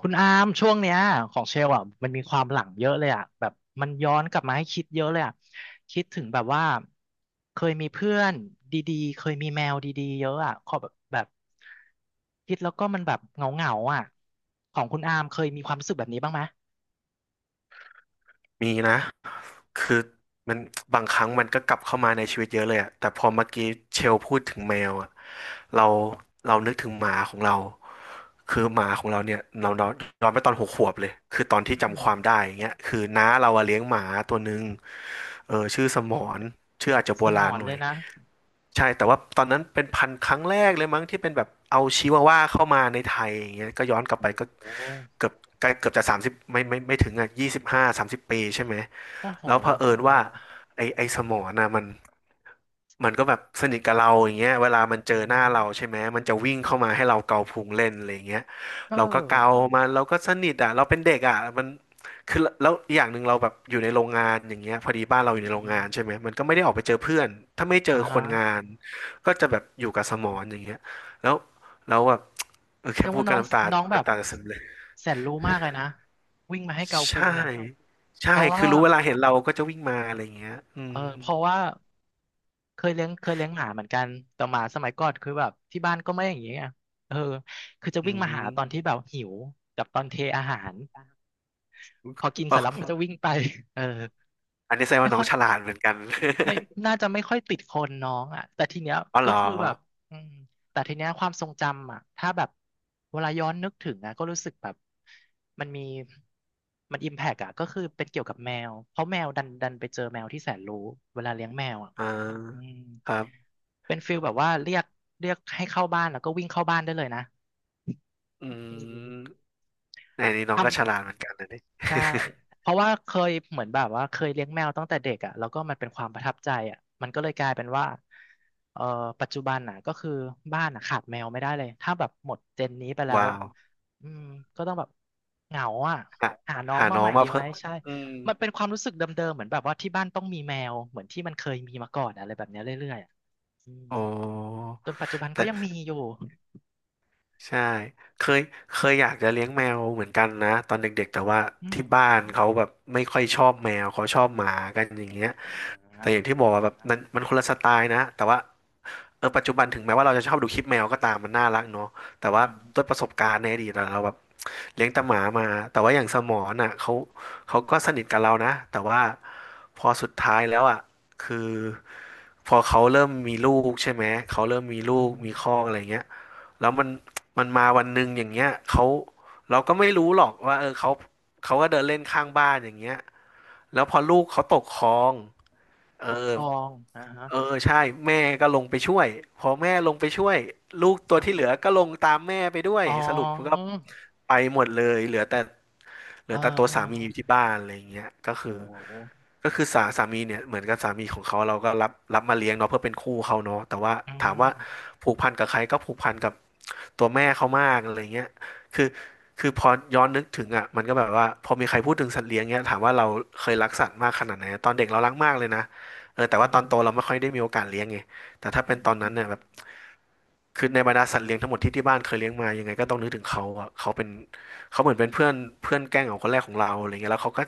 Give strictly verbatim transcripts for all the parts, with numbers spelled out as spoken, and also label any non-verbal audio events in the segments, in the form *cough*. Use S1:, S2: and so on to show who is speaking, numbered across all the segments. S1: คุณอามช่วงเนี้ยของเชลอ่ะมันมีความหลังเยอะเลยอ่ะแบบมันย้อนกลับมาให้คิดเยอะเลยอ่ะคิดถึงแบบว่าเคยมีเพื่อนดีๆเคยมีแมวดีๆเยอะอ่ะขอแบบแบบคิดแล้วก็มันแบบเหงาๆอ่ะของคุณอามเคยมีความรู้สึกแบบนี้บ้างไหม
S2: มีนะคือมันบางครั้งมันก็กลับเข้ามาในชีวิตเยอะเลยอะแต่พอเมื่อกี้เชลพูดถึงแมวอะเราเรานึกถึงหมาของเราคือหมาของเราเนี่ยเราเราย้อนไปตอนหกขวบเลยคือตอนที่
S1: อื
S2: จำ
S1: ม
S2: ความได้อย่างเงี้ยคือน้าเราอะเลี้ยงหมาตัวหนึ่งเออชื่อสมอนชื่ออาจจะโบ
S1: สม
S2: รา
S1: อ
S2: ณ
S1: น
S2: หน่อ
S1: เล
S2: ย
S1: ยนะ
S2: ใช่ แต่ว่าตอนนั้นเป็นพันธุ์ครั้งแรกเลยมั้งที่เป็นแบบเอาชิวาว่าเข้ามาในไทยอย่างเงี้ยก็ย้อนกลับไปก็
S1: โอ้โห
S2: เกือบใกล้เกือบจะสามสิบไม่ไม่ไม่ถึงอ่ะยี่สิบห้าสามสิบปีใช่ไหม
S1: โอ้โห
S2: แล้วเผ
S1: เอ
S2: อิ
S1: อ
S2: ญ
S1: เออ
S2: ว่าไอไอสมอน่ะมันมันก็แบบสนิทกับเราอย่างเงี้ยเวลามันเจอ
S1: อื
S2: หน้า
S1: ม
S2: เราใช่ไหมมันจะวิ่งเข้ามาให้เราเกาพุงเล่นอะไรอย่างเงี้ย
S1: เออ
S2: เราก็เกามันเราก็สนิทอ่ะเราเป็นเด็กอ่ะมันคือแล้วอย่างหนึ่งเราแบบอยู่ในโรงงานอย่างเงี้ยพอดีบ้านเราอยู่ในโรง
S1: อืม
S2: งานใช่ไหมมันก็ไม่ได้ออกไปเจอเพื่อนถ้าไม่เจอ
S1: อ่
S2: คนงา
S1: า
S2: นก็จะแบบอยู่กับสมอนอย่างเงี้ยแล้วแล้วแบบเออ
S1: แส
S2: แค่
S1: ดง
S2: พู
S1: ว่า
S2: ดก็
S1: น้อง
S2: น้ำตา
S1: น้องแบบ
S2: น้ำตาจะซึมเลย
S1: แสนรู้มากเลยนะวิ่งมาให้เกาพุ
S2: ใช่
S1: งเนี่ยเพ
S2: ใช่
S1: ราะว่า
S2: คือรู้เวลาเห็นเราก็จะวิ่งมาอะไรอย่างเงี้ยอื
S1: เออ
S2: ม
S1: เพราะว่าเคยเลี้ยงเคยเลี้ยงหมาเหมือนกันแต่หมาสมัยก่อนคือแบบที่บ้านก็ไม่อย่างนี้ไงเออคือจะ
S2: อื
S1: วิ่งมาหาตอน
S2: ม
S1: ที่แบบหิวกับตอนเทอาหารพอกิน
S2: เป
S1: เสร็จแล้วมันก็
S2: ล่า
S1: จะวิ่งไปเออ
S2: อันนี้แสดง
S1: ไม่
S2: ว่าน้
S1: ค่
S2: อ
S1: อ
S2: ง
S1: ย
S2: ฉลาดเหมือนกัน
S1: ไม่น่าจะไม่ค่อยติดคนน้องอ่ะแต่ทีเนี้ย
S2: *laughs* อ๋อเห
S1: ก็
S2: รอ
S1: คือแบบอืมแต่ทีเนี้ยความทรงจำอ่ะถ้าแบบเวลาย้อนนึกถึงอ่ะก็รู้สึกแบบมันมีมันอิมแพกอ่ะก็คือเป็นเกี่ยวกับแมวเพราะแมวดันดันไปเจอแมวที่แสนรู้เวลาเลี้ยงแมวอ่ะ
S2: อ่
S1: อื
S2: า
S1: ม
S2: ครับ
S1: เป็นฟิลแบบว่าเรียกเรียกให้เข้าบ้านแล้วก็วิ่งเข้าบ้านได้เลยนะ
S2: อื
S1: อืม
S2: มในนี้น้องก็ฉ
S1: ทำ
S2: ลาดเหมือนกันนะเนี่ย
S1: ใช่เพราะว่าเคยเหมือนแบบว่าเคยเลี้ยงแมวตั้งแต่เด็กอ่ะแล้วก็มันเป็นความประทับใจอ่ะมันก็เลยกลายเป็นว่าเอ่อปัจจุบันน่ะก็คือบ้านน่ะขาดแมวไม่ได้เลย ถ้าแบบหมดเจนนี้ไปแล้
S2: *laughs*
S1: ว
S2: ว้า
S1: อ่ะ
S2: ว
S1: อืมก็ต้องแบบเหงาอ่ะ
S2: หา
S1: หาน้อง
S2: หา
S1: มา
S2: น้อ
S1: ให
S2: ง
S1: ม่
S2: มา
S1: ดีไหม
S2: เพิ่ม
S1: ใช่
S2: อืม
S1: มันเป็นความรู้สึกเดิมๆเหมือนแบบว่าที่บ้านต้องมีแมว เหมือนที่มันเคยมีมาก่อนอะไรแบบเนี้ยเรื่อยๆอะอืม
S2: โอ้
S1: จนปัจจุบัน
S2: แต่
S1: ก็ยังมีอยู่
S2: ใช่เคยเคยอยากจะเลี้ยงแมวเหมือนกันนะตอนเด็กๆแต่ว่า
S1: อืม
S2: ที่บ้านเขาแบบไม่ค่อยชอบแมวเขาชอบหมากันอย่างเงี้ย
S1: อ
S2: แต่
S1: ่า
S2: อย่างที่บอกว่าแบบนั้นมันคนละสไตล์นะแต่ว่าเออปัจจุบันถึงแม้ว่าเราจะชอบดูคลิปแมวก็ตามมันน่ารักเนาะแต่ว่า
S1: อืม
S2: ด้วยประสบการณ์ในอดีตอะเราแบบเลี้ยงแต่หมามาแต่ว่าอย่างสมอน่ะเขาเขาก็สนิทกับเรานะแต่ว่าพอสุดท้ายแล้วอ่ะคือพอเขาเริ่มมีลูกใช่ไหมเขาเริ่มมีลู
S1: อื
S2: กมีครอ
S1: ม
S2: กอะไรเงี้ยแล้วมันมันมาวันหนึ่งอย่างเงี้ยเขาเราก็ไม่รู้หรอกว่าเออเขาเขาก็เดินเล่นข้างบ้านอย่างเงี้ยแล้วพอลูกเขาตกคลองเออ
S1: ปกครองนะฮะ
S2: เออใช่แม่ก็ลงไปช่วยพอแม่ลงไปช่วยลูกตัวที่เหลือก็ลงตามแม่ไปด้วย
S1: อ๋อ
S2: สรุปก็ไปหมดเลยเหลือแต่เหลือ
S1: อ่า
S2: แต่ตัว
S1: อ่า
S2: สามีอยู่ที่บ้านอะไรอย่างเงี้ยก็คือ
S1: โอ้โห
S2: ก็คือสาสามีเนี่ยเหมือนกับสามีของเขาเราก็รับรับมาเลี้ยงเนาะเพื่อเป็นคู่เขาเนาะแต่ว่า
S1: อ่
S2: ถามว่า
S1: า
S2: ผูกพันกับใครก็ผูกพันกับตัวแม่เขามากอะไรเงี้ยคือคือพอย้อนนึกถึงอ่ะมันก็แบบว่าพอมีใครพูดถึงสัตว์เลี้ยงเงี้ยถามว่าเราเคยรักสัตว์มากขนาดไหนตอนเด็กเรารักมากเลยนะ เออแต่
S1: อื
S2: ว่าตอน
S1: ม
S2: โตเราไม่ค่อยได้มีโอกาสเลี้ยงไงแต่ถ้า
S1: อื
S2: เป็นตอนนั้นเนี่ยแบบ
S1: ม
S2: คือในบรรดาสัตว์เลี้ยงทั้งหมดที่ที่บ้านเคยเลี้ยงมายังไงก็ต้องนึกถึงเขาอะเขาเป็นเขาเหมือนเป็นเพื่อนเพื่อนแกล้งของคนแรกของเราอะไรเงี้ยแล้วเขาก็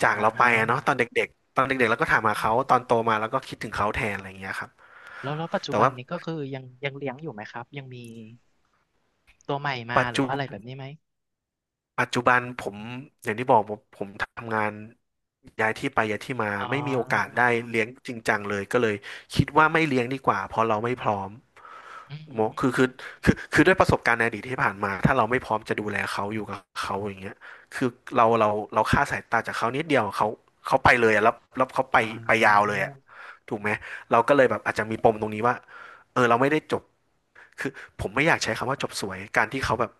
S2: จาก
S1: อ่า
S2: เราไป
S1: ฮะ
S2: อะเนาะตอนเด็กๆตอนเด็กๆเราก็
S1: อื
S2: ถามหาเขาตอน
S1: ม
S2: โตมาเราก็คิดถึงเขาแทนอะไรเงี้ยครับ
S1: แล้วแล้วปัจจุ
S2: แต่
S1: บัน
S2: ว่า
S1: นี้ก็คือยังยังเลี้ยงอยู่ไหมครับยังมีตัวใหม่มา
S2: ปัจ
S1: หรือ
S2: จุ
S1: ว่าอะไรแบบนี้ไหม
S2: ปัจจุบันผมอย่างที่บอกผมผมทำงานย้ายที่ไปย้ายที่มา
S1: อ๋
S2: ไม่มีโอกาส
S1: อ
S2: ได้เลี้ยงจริงจังเลยก็เลยคิดว่าไม่เลี้ยงดีกว่าเพราะเราไม่พร้อม
S1: อืมอื
S2: โม
S1: ม
S2: คือ
S1: อื
S2: คือ
S1: ม
S2: คือคือด้วยประสบการณ์ในอดีตที่ผ่านมาถ้าเราไม่พร้อมจะดูแลเขาอยู่กับเขาอย่างเงี้ยคือเราเราเราค่าดสายตาจากเขานิดเดียวเขาเขาไปเลยอะแล้วแล้วเขาไป
S1: อ่
S2: ไปยาวเล
S1: า
S2: ยอะถูกไหมเราก็เลยแบบอาจจะมีปมตรงนี้ว่าเออเราไม่ได้จบคือผมไม่อยากใช้คำว่าจบสวยการที่เขาแบบ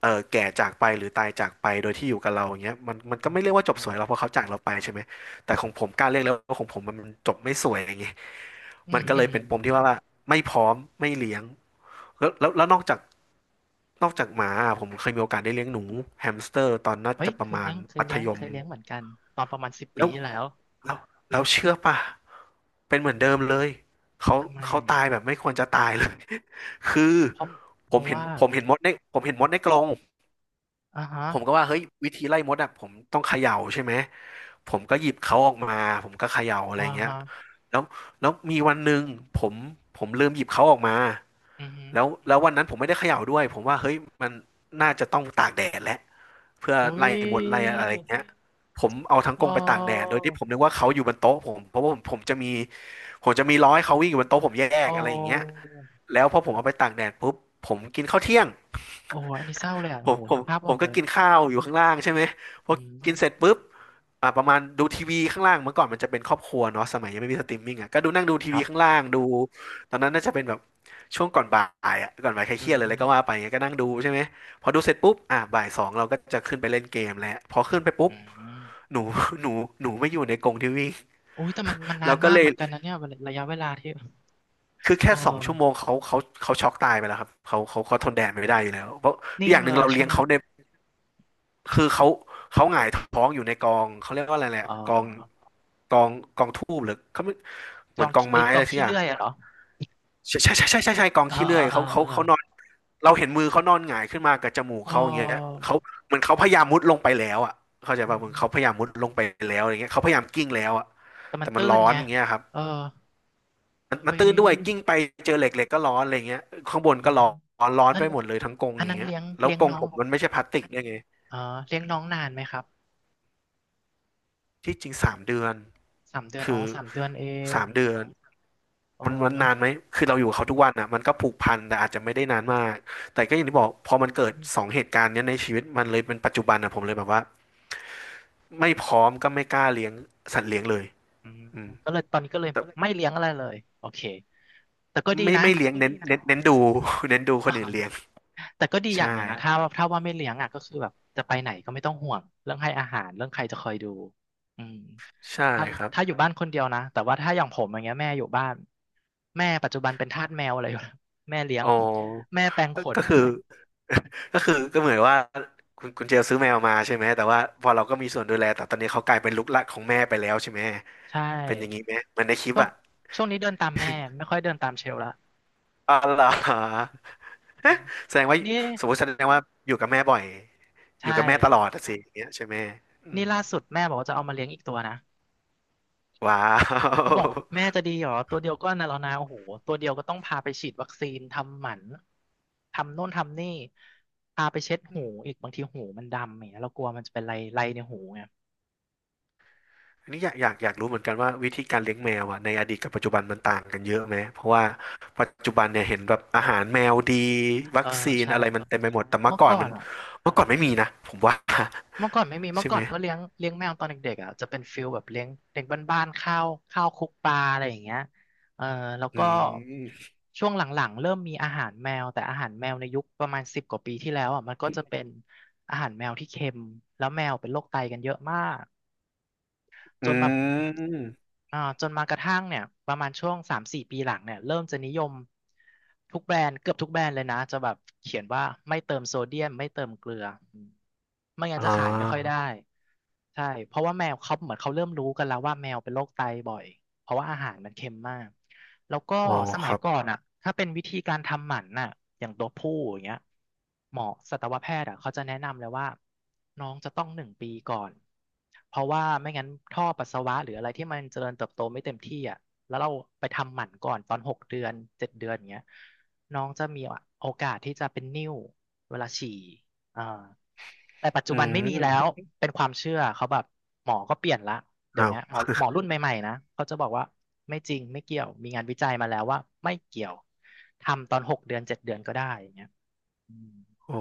S2: เออแก่จากไปหรือตายจากไปโดยที่อยู่กับเราอย่างเงี้ยมันมัน
S1: อื
S2: ก็
S1: ม
S2: ไม่เรียกว่าจบ
S1: อื
S2: ส
S1: ม
S2: วยเราเพราะเขาจากเราไปใช่ไหมแต่ของผมกล้าเรียกแล้วว่าของผมมันมันจบไม่สวยอย่างเงี้ย
S1: อื
S2: มั
S1: ม
S2: นก็
S1: อื
S2: เลยเป็นปมที่ว่า
S1: ม
S2: ว่าไม่พร้อมไม่เลี้ยงแล้วแล้วแล้วนอกจากนอกจากหมาอะผมเคยมีโอกาสได้เลี้ยงหนูแฮมสเตอร์ตอนน่า
S1: เฮ้ย
S2: จะป
S1: เค
S2: ระ
S1: ย
S2: มา
S1: เลี้
S2: ณ
S1: ยงเคย
S2: มัธ
S1: เลี้ยง
S2: ย
S1: เค
S2: ม
S1: ยเลี้ยงเหมือนกันตอนประมาณสิบปี
S2: แล้ว
S1: ที่แล้ว
S2: แล้วแล้วเชื่อป่ะเป็นเหมือนเดิมเลยเขา
S1: ทำไม
S2: เขาตายแบบไม่ควรจะตายเลย *laughs* คือ
S1: เพราะเพ
S2: ผม
S1: ราะ
S2: เห็น
S1: ว่า
S2: ผมเห็นมดในผมเห็นมดในกรง
S1: อ่าฮะ
S2: ผมก็ว่าเฮ้ยวิธีไล่มดอ่ะผมต้องเขย่าใช่ไหมผมก็หยิบเขาออกมาผมก็เขย่าอะไร
S1: อ่า
S2: เงี้ย
S1: ฮะ
S2: แล้วแล้วมีวันหนึ่งผมผมลืมหยิบเขาออกมา
S1: อือฮึ
S2: แล้วแล้ววันนั้นผมไม่ได้เขย่าด้วยผมว่าเฮ้ยมันน่าจะต้องตากแดดแหละเพื่อ
S1: อุ้
S2: ไล่
S1: ย
S2: มดไล่อะไรเงี้ยผมเอาทั้ง
S1: อ๋
S2: ก
S1: อ
S2: รงไปตากแดดโดยที่ผมนึกว่าเขาอยู่บนโต๊ะผมเพราะว่าผมผมจะมีผมจะมีร้อยเขาวิ่งอยู่บนโต๊ะผมแย
S1: โอ
S2: กอะไรอย่างเงี้ย
S1: ้
S2: แล้วพอผมเอาไปตากแดดปุ๊บผมกินข้าวเที่ยง
S1: โอ้ยอันนี้เศร้าเลยอ่ะ
S2: ผ
S1: โอ้
S2: ม
S1: โห
S2: ผ
S1: นึ
S2: ม
S1: กภาพ
S2: ผ
S1: ออ
S2: ม
S1: ก
S2: ก็
S1: เลย
S2: กินข้าวอยู่ข้างล่างใช่ไหมพอ
S1: อื
S2: กินเสร็จ
S1: ม
S2: ปุ๊บอ่าประมาณดูทีวีข้างล่างเมื่อก่อนมันจะเป็นครอบครัวเนาะสมัยยังไม่มีสตรีมมิ่งอ่ะก็ดูนั่งดูที
S1: ค
S2: วี
S1: รับ
S2: ข้างล่างดูตอนนั้นน่าจะเป็นแบบช่วงก่อนบ่ายอ่ะก่อนบ่ายใครเค
S1: อื
S2: รี
S1: ม
S2: ยด
S1: อ
S2: เลยแล้วก็ว่าไปก็นั่งดูใช่ไหมพอดูเสร็จปุ๊บอ่าบ่ายสองเราก็จะขึ้นไปเล่นเกมแล้วพอขึ้นไปปุ๊บ
S1: ืม
S2: หนู *laughs* หนูหนูไม่อยู่ในกรงทีวี
S1: โอ้ยแต่มันมันนา
S2: เรา
S1: น
S2: ก็
S1: มาก
S2: เล
S1: เห
S2: ย
S1: มือนกันนะเนี่ยระยะเวลาที่
S2: คือ
S1: เอ
S2: แค่
S1: อ
S2: สองชั่วโมงเขาเขาเขาช็อกตายไปแล้วครับเขาเขาเขาทนแดดไม่ได้อยู่แล้วเพราะ
S1: นิ่
S2: อ
S1: ง
S2: ย่างห
S1: เล
S2: นึ่ง
S1: ย
S2: เรา
S1: ใช่
S2: เลี้ยง
S1: ไหม
S2: เขาใน คือเขาเขาหงายท้องอยู่ในกองเขาเรียกว่าอะไรแหละ
S1: เอ
S2: กอง
S1: อ
S2: กองกองทูบหรือเขาไม่
S1: ก
S2: เหมือ
S1: อ
S2: น
S1: ง
S2: กอง
S1: ขี้ไอ้
S2: ไม้
S1: ยก
S2: อะ
S1: อ
S2: ไร
S1: ง
S2: สัก
S1: ขี้
S2: อย่าง
S1: เลื่อยอะเหรอ
S2: ใช่ใช่ใช่ใช่ใช่ใช่กอง
S1: เออ
S2: ขี้เลื่
S1: เอ
S2: อย
S1: อเออ
S2: เขาเขา
S1: เอ
S2: เขานอ
S1: อ
S2: นเราเห็นมือเขานอนหงายขึ้นมากับจมูก
S1: เอ
S2: เขาอย่างเงี้ย
S1: อ
S2: เขาเหมือนเขาพยายามมุดลงไปแล้วอ่ะเข้าใจ
S1: อื
S2: ป่ะเหมือนเขาพยา
S1: ม
S2: ยามมุดลงไปแล้วอย่างเงี้ยเขาพยายามกิ้งแล้วอ่ะ
S1: แต่มั
S2: แต่
S1: น
S2: มัน
S1: ตื้
S2: ร้
S1: น
S2: อน
S1: ไง
S2: อย่างเงี้ยครับ
S1: เออ
S2: มันมัน
S1: เฮ้ย
S2: ตื้นด้วยกิ้งไปเจอเหล็กเหล็กก็ร้อนอะไรเงี้ยข้างบน
S1: อื
S2: ก็
S1: ม
S2: ร้อนร้อน
S1: นั่
S2: ไป
S1: น
S2: หมดเลยทั้งกรง
S1: อั
S2: อ
S1: น
S2: ย่าง
S1: นั้น
S2: เงี้ย
S1: เลี้ยง
S2: แล้ว
S1: เลี้ยง
S2: กรง
S1: น้อ
S2: ผ
S1: ง
S2: มมันไม่ใช่พลาสติกด้วยไง
S1: อ๋อเลี้ยงน้องนานไหมครับ
S2: ที่จริงสามเดือน
S1: สามเดือน
S2: คื
S1: อ๋อ
S2: อ
S1: สามเดือนเอง
S2: สามเดือน
S1: โอ้
S2: มันมัน
S1: น้อง
S2: นานไหมคือเราอยู่กับเขาทุกวันอ่ะมันก็ผูกพันแต่อาจจะไม่ได้นานมากแต่ก็อย่างที่บอกพอมันเกิดสองเหตุการณ์เนี้ยในชีวิตมันเลยเป็นปัจจุบันอ่ะผมเลยแบบว่าไม่พร้อมก็ไม่กล้าเลี้ยงสัตว์เลี้ยงเลย
S1: อืม
S2: อืม
S1: ก็เลยตอนนี้ก็เลย
S2: แต่
S1: ไม่เลี้ยงอะไรเลยโอเคแต่ก็ดี
S2: ไม่
S1: นะ
S2: ไม่เลี้ยงเน้นดเน้นเน้นดู *laughs* เน้นดู
S1: *laughs*
S2: คนอื่นเลี้ยง
S1: อ่าแต่ก็ดีอ
S2: ใช่
S1: ย่างหนึ่งนะถ้าว่าถ้าว่าไม่เลี้ยงอ่ะก็คือแบบจะไปไหนก็ไม่ต้องห่วงเรื่องให้อาหารเรื่องใครจะคอยดูอืม
S2: ใช่
S1: ถ้า
S2: ครับ
S1: ถ้าอยู่บ้านคนเดียวนะแต่ว่าถ้าอย่างผมอย่างเงี้ยแม่อยู่บ้านแม่ปัจจุบันเป็นทาสแมวอะไรอยู่ *laughs* แล้วแม่เลี้ยง
S2: อ๋อ
S1: แม่แปรง
S2: ก็
S1: ขน
S2: ก็คือก็คือก็เหมือนว่าคุณคุณเจลซื้อแมวมาใช่ไหมแต่ว่าพอเราก็มีส่วนดูแลแต่ตอนนี้เขากลายเป็นลูกหลานของแม่ไปแล้วใช่ไหม
S1: ใช่
S2: เป็นอย่างนี้ไหมเหมันในคลิป
S1: ช่วง
S2: อ่ะ
S1: ช่วงนี้เดินตามแม่ไม่ค่อยเดินตามเชลละ
S2: อ๋อเหรอฮะ
S1: อืม
S2: *laughs* แสดงว่า
S1: นี่
S2: สมมติแสดงว่าอยู่กับแม่บ่อยอ
S1: ใช่
S2: ยู่กับแม่ตลอดอะสิอย่างเงี้ยใช่ไหมอื
S1: นี่
S2: ม
S1: ล่าสุดแม่บอกว่าจะเอามาเลี้ยงอีกตัวนะ
S2: ว้า
S1: เขาบอก
S2: ว
S1: แม่จะดีเหรอตัวเดียวก็น่ะแล้วนะโอ้โหตัวเดียวก็ต้องพาไปฉีดวัคซีนทำหมันทำโน่นทำนี่พาไปเช็ด
S2: อื
S1: หู
S2: ม
S1: อีกบางทีหูมันดำอย่างเงี้ยเรากลัวมันจะเป็นไรไรในหูไง
S2: อันนี้อยากอยากอยากรู้เหมือนกันว่าวิธีการเลี้ยงแมวอะในอดีตกับปัจจุบันมันต่างกันเยอะไหมเพราะว่าปัจจุบันเนี่ยเห็นแบบอาหารแมวดี
S1: เอ
S2: วั
S1: อ
S2: คซีน
S1: ใช่
S2: อะไรมันเต็มไปหมดแต่เมื่
S1: เมื่
S2: อ
S1: อ
S2: ก่อ
S1: ก่
S2: น
S1: อ
S2: มั
S1: น
S2: น
S1: อ่ะ
S2: เมื่อก่อนไม่มีนะผมว่า
S1: เมื่อก่อนไม่มี
S2: *laughs*
S1: เมื่
S2: ใช่
S1: อก่
S2: ไห
S1: อ
S2: ม
S1: นก็เลี้ยงเลี้ยงแมวตอนเด็กๆอ่ะจะเป็นฟิลแบบเลี้ยงเด็กบ้านๆข้าวข้าวคลุกปลาอะไรอย่างเงี้ยเออแล้ว
S2: อื
S1: ก็
S2: ม
S1: ช่วงหลังๆเริ่มมีอาหารแมวแต่อาหารแมวในยุคประมาณสิบกว่าปีที่แล้วอ่ะมันก็จะเป็นอาหารแมวที่เค็มแล้วแมวเป็นโรคไตกันเยอะมาก จ
S2: อื
S1: นมา
S2: ม
S1: อ่าจนมากระทั่งเนี่ยประมาณช่วงสามสี่ปีหลังเนี่ยเริ่มจะนิยมทุกแบรนด์เกือบทุกแบรนด์เลยนะจะแบบเขียนว่าไม่เติมโซเดียมไม่เติมเกลืออืมไม่งั้
S2: อ๋
S1: น
S2: อ
S1: จะขายไม่ค่อยได้ใช่เพราะว่าแมวเขาเหมือนเขาเริ่มรู้กันแล้วว่าแมวเป็นโรคไตบ่อย เพราะว่าอาหารมันเค็มมาก แล้วก็
S2: อ๋อ
S1: ส
S2: ค
S1: มัย
S2: รับ
S1: ก่อนอ่ะถ้าเป็นวิธีการทำหมันน่ะอย่างตัวผู้อย่างเงี้ยหมอสัตวแพทย์อ่ะเขาจะแนะนำเลยว่าน้องจะต้องหนึ่งปีก่อน เพราะว่าไม่งั้นท่อปัสสาวะหรืออะไรที่มันเจริญเติบโตไม่เต็มที่อ่ะแล้วเราไปทำหมันก่อนตอนหกเดือนเจ็ดเดือนอย่างเงี้ยน้องจะมีโอกาสที่จะเป็นนิ่วเวลาฉี่อ่าแต่ปัจจุ
S2: อื
S1: บันไม่มีแล้ว
S2: ม
S1: เป็นความเชื่อเขาแบบหมอก็เปลี่ยนละ เดี๋ยว
S2: อ้าว
S1: เนี้ยหมอหมอรุ่นใหม่ๆนะเขาจะบอกว่าไม่จริงไม่เกี่ยวมีงานวิจัยมาแล้วว่าไม่เกี่ยวทำตอนหกเดือนเจ็ดเดือนก็ได้อย่างเงี้ยอืม
S2: อ๋อ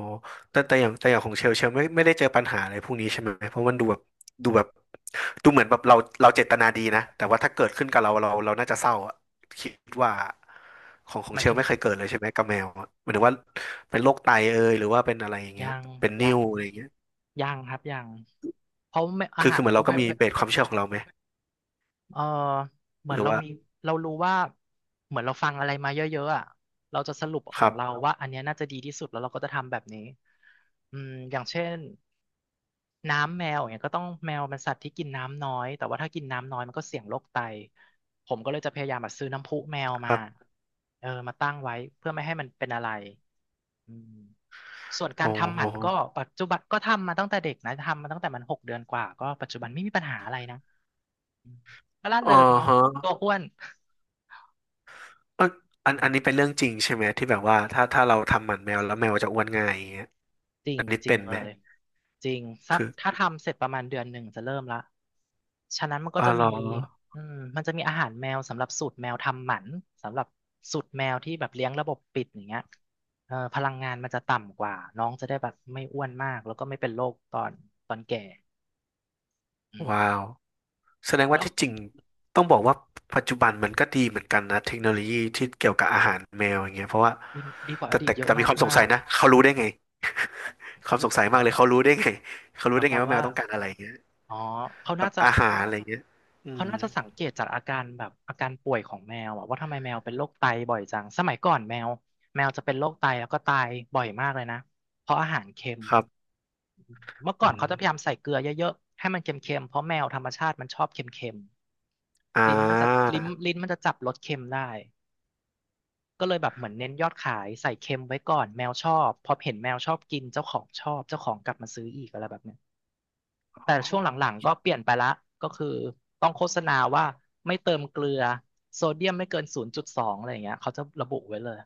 S2: แต่แต่อย่างแต่อย่างของเชลเชลไม่ไม่ได้เจอปัญหาอะไรพวกนี้ใช่ไหมเพราะมันดูแบบดูแบบดูเหมือนแบบเราเราเจตนาดีนะแต่ว่าถ้าเกิดขึ้นกับเราเราเราน่าจะเศร้าอะคิดว่าของขอ
S1: ห
S2: ง
S1: มา
S2: เช
S1: ย
S2: ล
S1: ถึง
S2: ไม่เคยเกิดเลยใช่ไหมกับแมวอะหมายถึงว่าเป็นโรคไตเอยหรือว่าเป็นอะไรอย่างเงี้ย
S1: ยัง
S2: เป็นนิ่
S1: ยั
S2: ว
S1: ง
S2: อะไรอย่างเงี้ย
S1: ยังครับยังเพราะไม่อา
S2: คือ
S1: หา
S2: คือ
S1: ร
S2: เหมือน
S1: ก็
S2: เรา
S1: แบ
S2: ก็
S1: บ
S2: มีเบสความเชื่อของเราไหม
S1: เออเหมื
S2: ห
S1: อน
S2: รือ
S1: เรา
S2: ว่า
S1: มีเรารู้ว่าเหมือนเราฟังอะไรมาเยอะๆอ่ะเราจะสรุปข
S2: ค
S1: อ
S2: รั
S1: ง
S2: บ
S1: เราว่าอันเนี้ยน่าจะดีที่สุดแล้วเราก็จะทำแบบนี้อืมอย่างเช่น น้ำแมวอย่างเงี้ยก็ต้องแมวมันสัตว์ที่กินน้ำน้อยแต่ว่าถ้ากินน้ำน้อยมันก็เสี่ยงโรคไตผมก็เลยจะพยายามแบบซื้อน้ำพุแมว
S2: ค
S1: มา
S2: รับ
S1: เออมาตั้งไว้เพื่อไม่ให้มันเป็นอะไรอืมส่วนกา
S2: อ๋
S1: รทำหมันก็
S2: อ
S1: ปัจจุบันก็ทำมาตั้งแต่เด็กนะทำมาตั้งแต่มันหกเดือนกว่าก็ปัจจุบันไม่มีปัญหาอะไรนะอืมก็ล่า
S2: อ๋อ
S1: เริงเนาะตั
S2: ฮะ
S1: วอ้วน
S2: เอยอัน
S1: อื
S2: อันนี้
S1: ม
S2: เป็นเรื่องจริงใช่ไหมที่แบบว่าถ้าถ้าเราทำหมันแมวแล้วแมวจะอ้วนง่ายอย่างเงี้ย
S1: จริง
S2: อันนี้
S1: จริ
S2: เป็
S1: ง
S2: น
S1: เล
S2: ไหม
S1: ยจริงสัก
S2: คือ
S1: ถ้าทำเสร็จประมาณเดือนหนึ่งจะเริ่มละฉะนั้นมันก็
S2: อ๋อ
S1: จะ
S2: เหร
S1: มี
S2: อ
S1: อืมมันจะมีอาหารแมวสำหรับสูตรแมวทำหมันสำหรับสูตรแมวที่แบบเลี้ยงระบบปิดอย่างเงี้ยเออพลังงานมันจะต่ำกว่าน้องจะได้แบบไม่อ้วนมากแล้วก็ไม่เป็นโรคตอนตอนแก่อืม
S2: ว้าวแสดงว่า
S1: แล้ว
S2: ที่จริงต้องบอกว่าปัจจุบันมันก็ดีเหมือนกันนะเทคโนโลยีที่เกี่ยวกับอาหารแมวอย่างเงี้ยเพราะว่า
S1: ดีดีกว่าอ
S2: แต่
S1: ดีต
S2: แต่
S1: เยอะ
S2: แต่มี
S1: มา
S2: ค
S1: ก
S2: วามสง
S1: มา
S2: สัย
S1: ก
S2: นะเขารู้ได้ไงความสงสัย
S1: ห
S2: มา
S1: มา
S2: ก
S1: ย
S2: เล
S1: ค
S2: ย
S1: วาม
S2: เขารู้ได้ไง *laughs* เขา
S1: ห
S2: รู้
S1: มาย
S2: ได้
S1: ค
S2: ไง
S1: วาม
S2: ว่าแม
S1: ว่า
S2: วต้องการอะไรอย่างเงี้ย
S1: อ๋อเขา
S2: แบ
S1: น่า
S2: บ
S1: จะ
S2: อาหารอะไรอย่างเงี้ยอื
S1: เขา
S2: ม
S1: น่าจะสังเกตจากอาการแบบอาการป่วยของแมวอะว่าทำไมแมวเป็นโรคไตบ่อยจังสมัยก่อนแมวแมวจะเป็นโรคไตแล้วก็ตายบ่อยมากเลยนะเพราะอาหารเค็ม
S2: ครับ
S1: เมื่อ
S2: อื
S1: ก่อนเขาจะพยายาม
S2: ม
S1: ใส่เกลือเยอะๆให้มันเค็มๆเพราะแมวธรรมชาติมันชอบเค็ม
S2: อ่า
S1: ๆลิ้นมันจะลิ้นลิ้นมันจะจับรสเค็มได้ก็เลยแบบเหมือนเน้นยอดขายใส่เค็มไว้ก่อนแมวชอบพอเห็นแมวชอบกินเจ้าของชอบเจ้าของกลับมาซื้ออีกอะไรแบบเนี้ย แต่
S2: โอ้
S1: ช่วงหลังๆก็เปลี่ยนไปละก็คือต้องโฆษณาว่าไม่เติมเกลือโซเดียมไม่เกินศูนย์จุดสองอะไรอย่างเงี้ยเขาจะระบุไว้เลย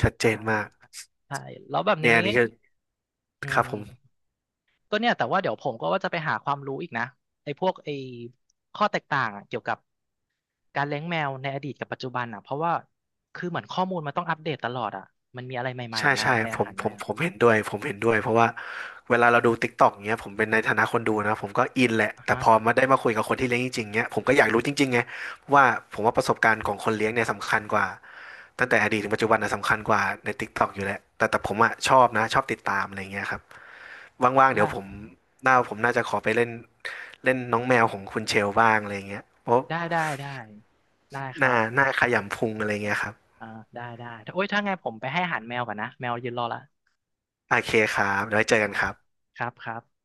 S2: ชัดเจ
S1: ใช่
S2: นมาก
S1: ใช่แล้วแบบ
S2: เนี่ย
S1: นี้
S2: อันนี้ก็
S1: อื
S2: ครับผม
S1: มก็เนี่ยแต่ว่าเดี๋ยวผมก็ว่าจะไปหาความรู้อีกนะไอ้พวกไอ้ข้อแตกต่างอะเกี่ยวกับการเลี้ยงแมวในอดีตกับปัจจุบันอ่ะเพราะว่าคือเหมือนข้อมูลมันต้องอัปเดตตลอดอ่ะมันมีอะไรใหม่
S2: ใช่
S1: ๆมา
S2: ใช่
S1: ใน
S2: ผ
S1: อา
S2: ม
S1: หาร
S2: ผ
S1: แม
S2: ม
S1: ว
S2: ผมเห็นด้วยผมเห็นด้วยเพราะว่าเวลาเราดูติ๊กต็อกเงี้ยผมเป็นในฐานะคนดูนะผมก็อินแหละ
S1: อ่ะ
S2: แต่
S1: ฮะ
S2: พอมาได้มาคุยกับคนที่เลี้ยงจริงๆเงี้ยผมก็อยากรู้จริงๆไงว่าผมว่าประสบการณ์ของคนเลี้ยงเนี่ยสำคัญกว่าตั้งแต่อดีตถึงปัจจุบันนะสำคัญกว่าในติ๊กต็อกอยู่แหละแต่แต่ผมอะชอบนะชอบติดตามอะไรเงี้ยครับว่างๆ
S1: ได้
S2: เดี๋ยวผมหน้าผมน่าจะขอไปเล่นเล่นน้องแมวของคุณเชลบ้างอะไรเงี้ยเพราะ
S1: ได้ได้ได้ได้ค
S2: ห
S1: รั
S2: น้าห
S1: บ
S2: น้าขยำพุงอะไรเงี้ยครับ
S1: อ่าได้ได้โอ้ยถ้าไงผมไปให้อาหารแมวก่อนนะแมวยืนรอละ
S2: โอเคครับเดี๋ยวไว้เจอ
S1: ค
S2: กัน
S1: รับ
S2: ครับ
S1: ครับครับ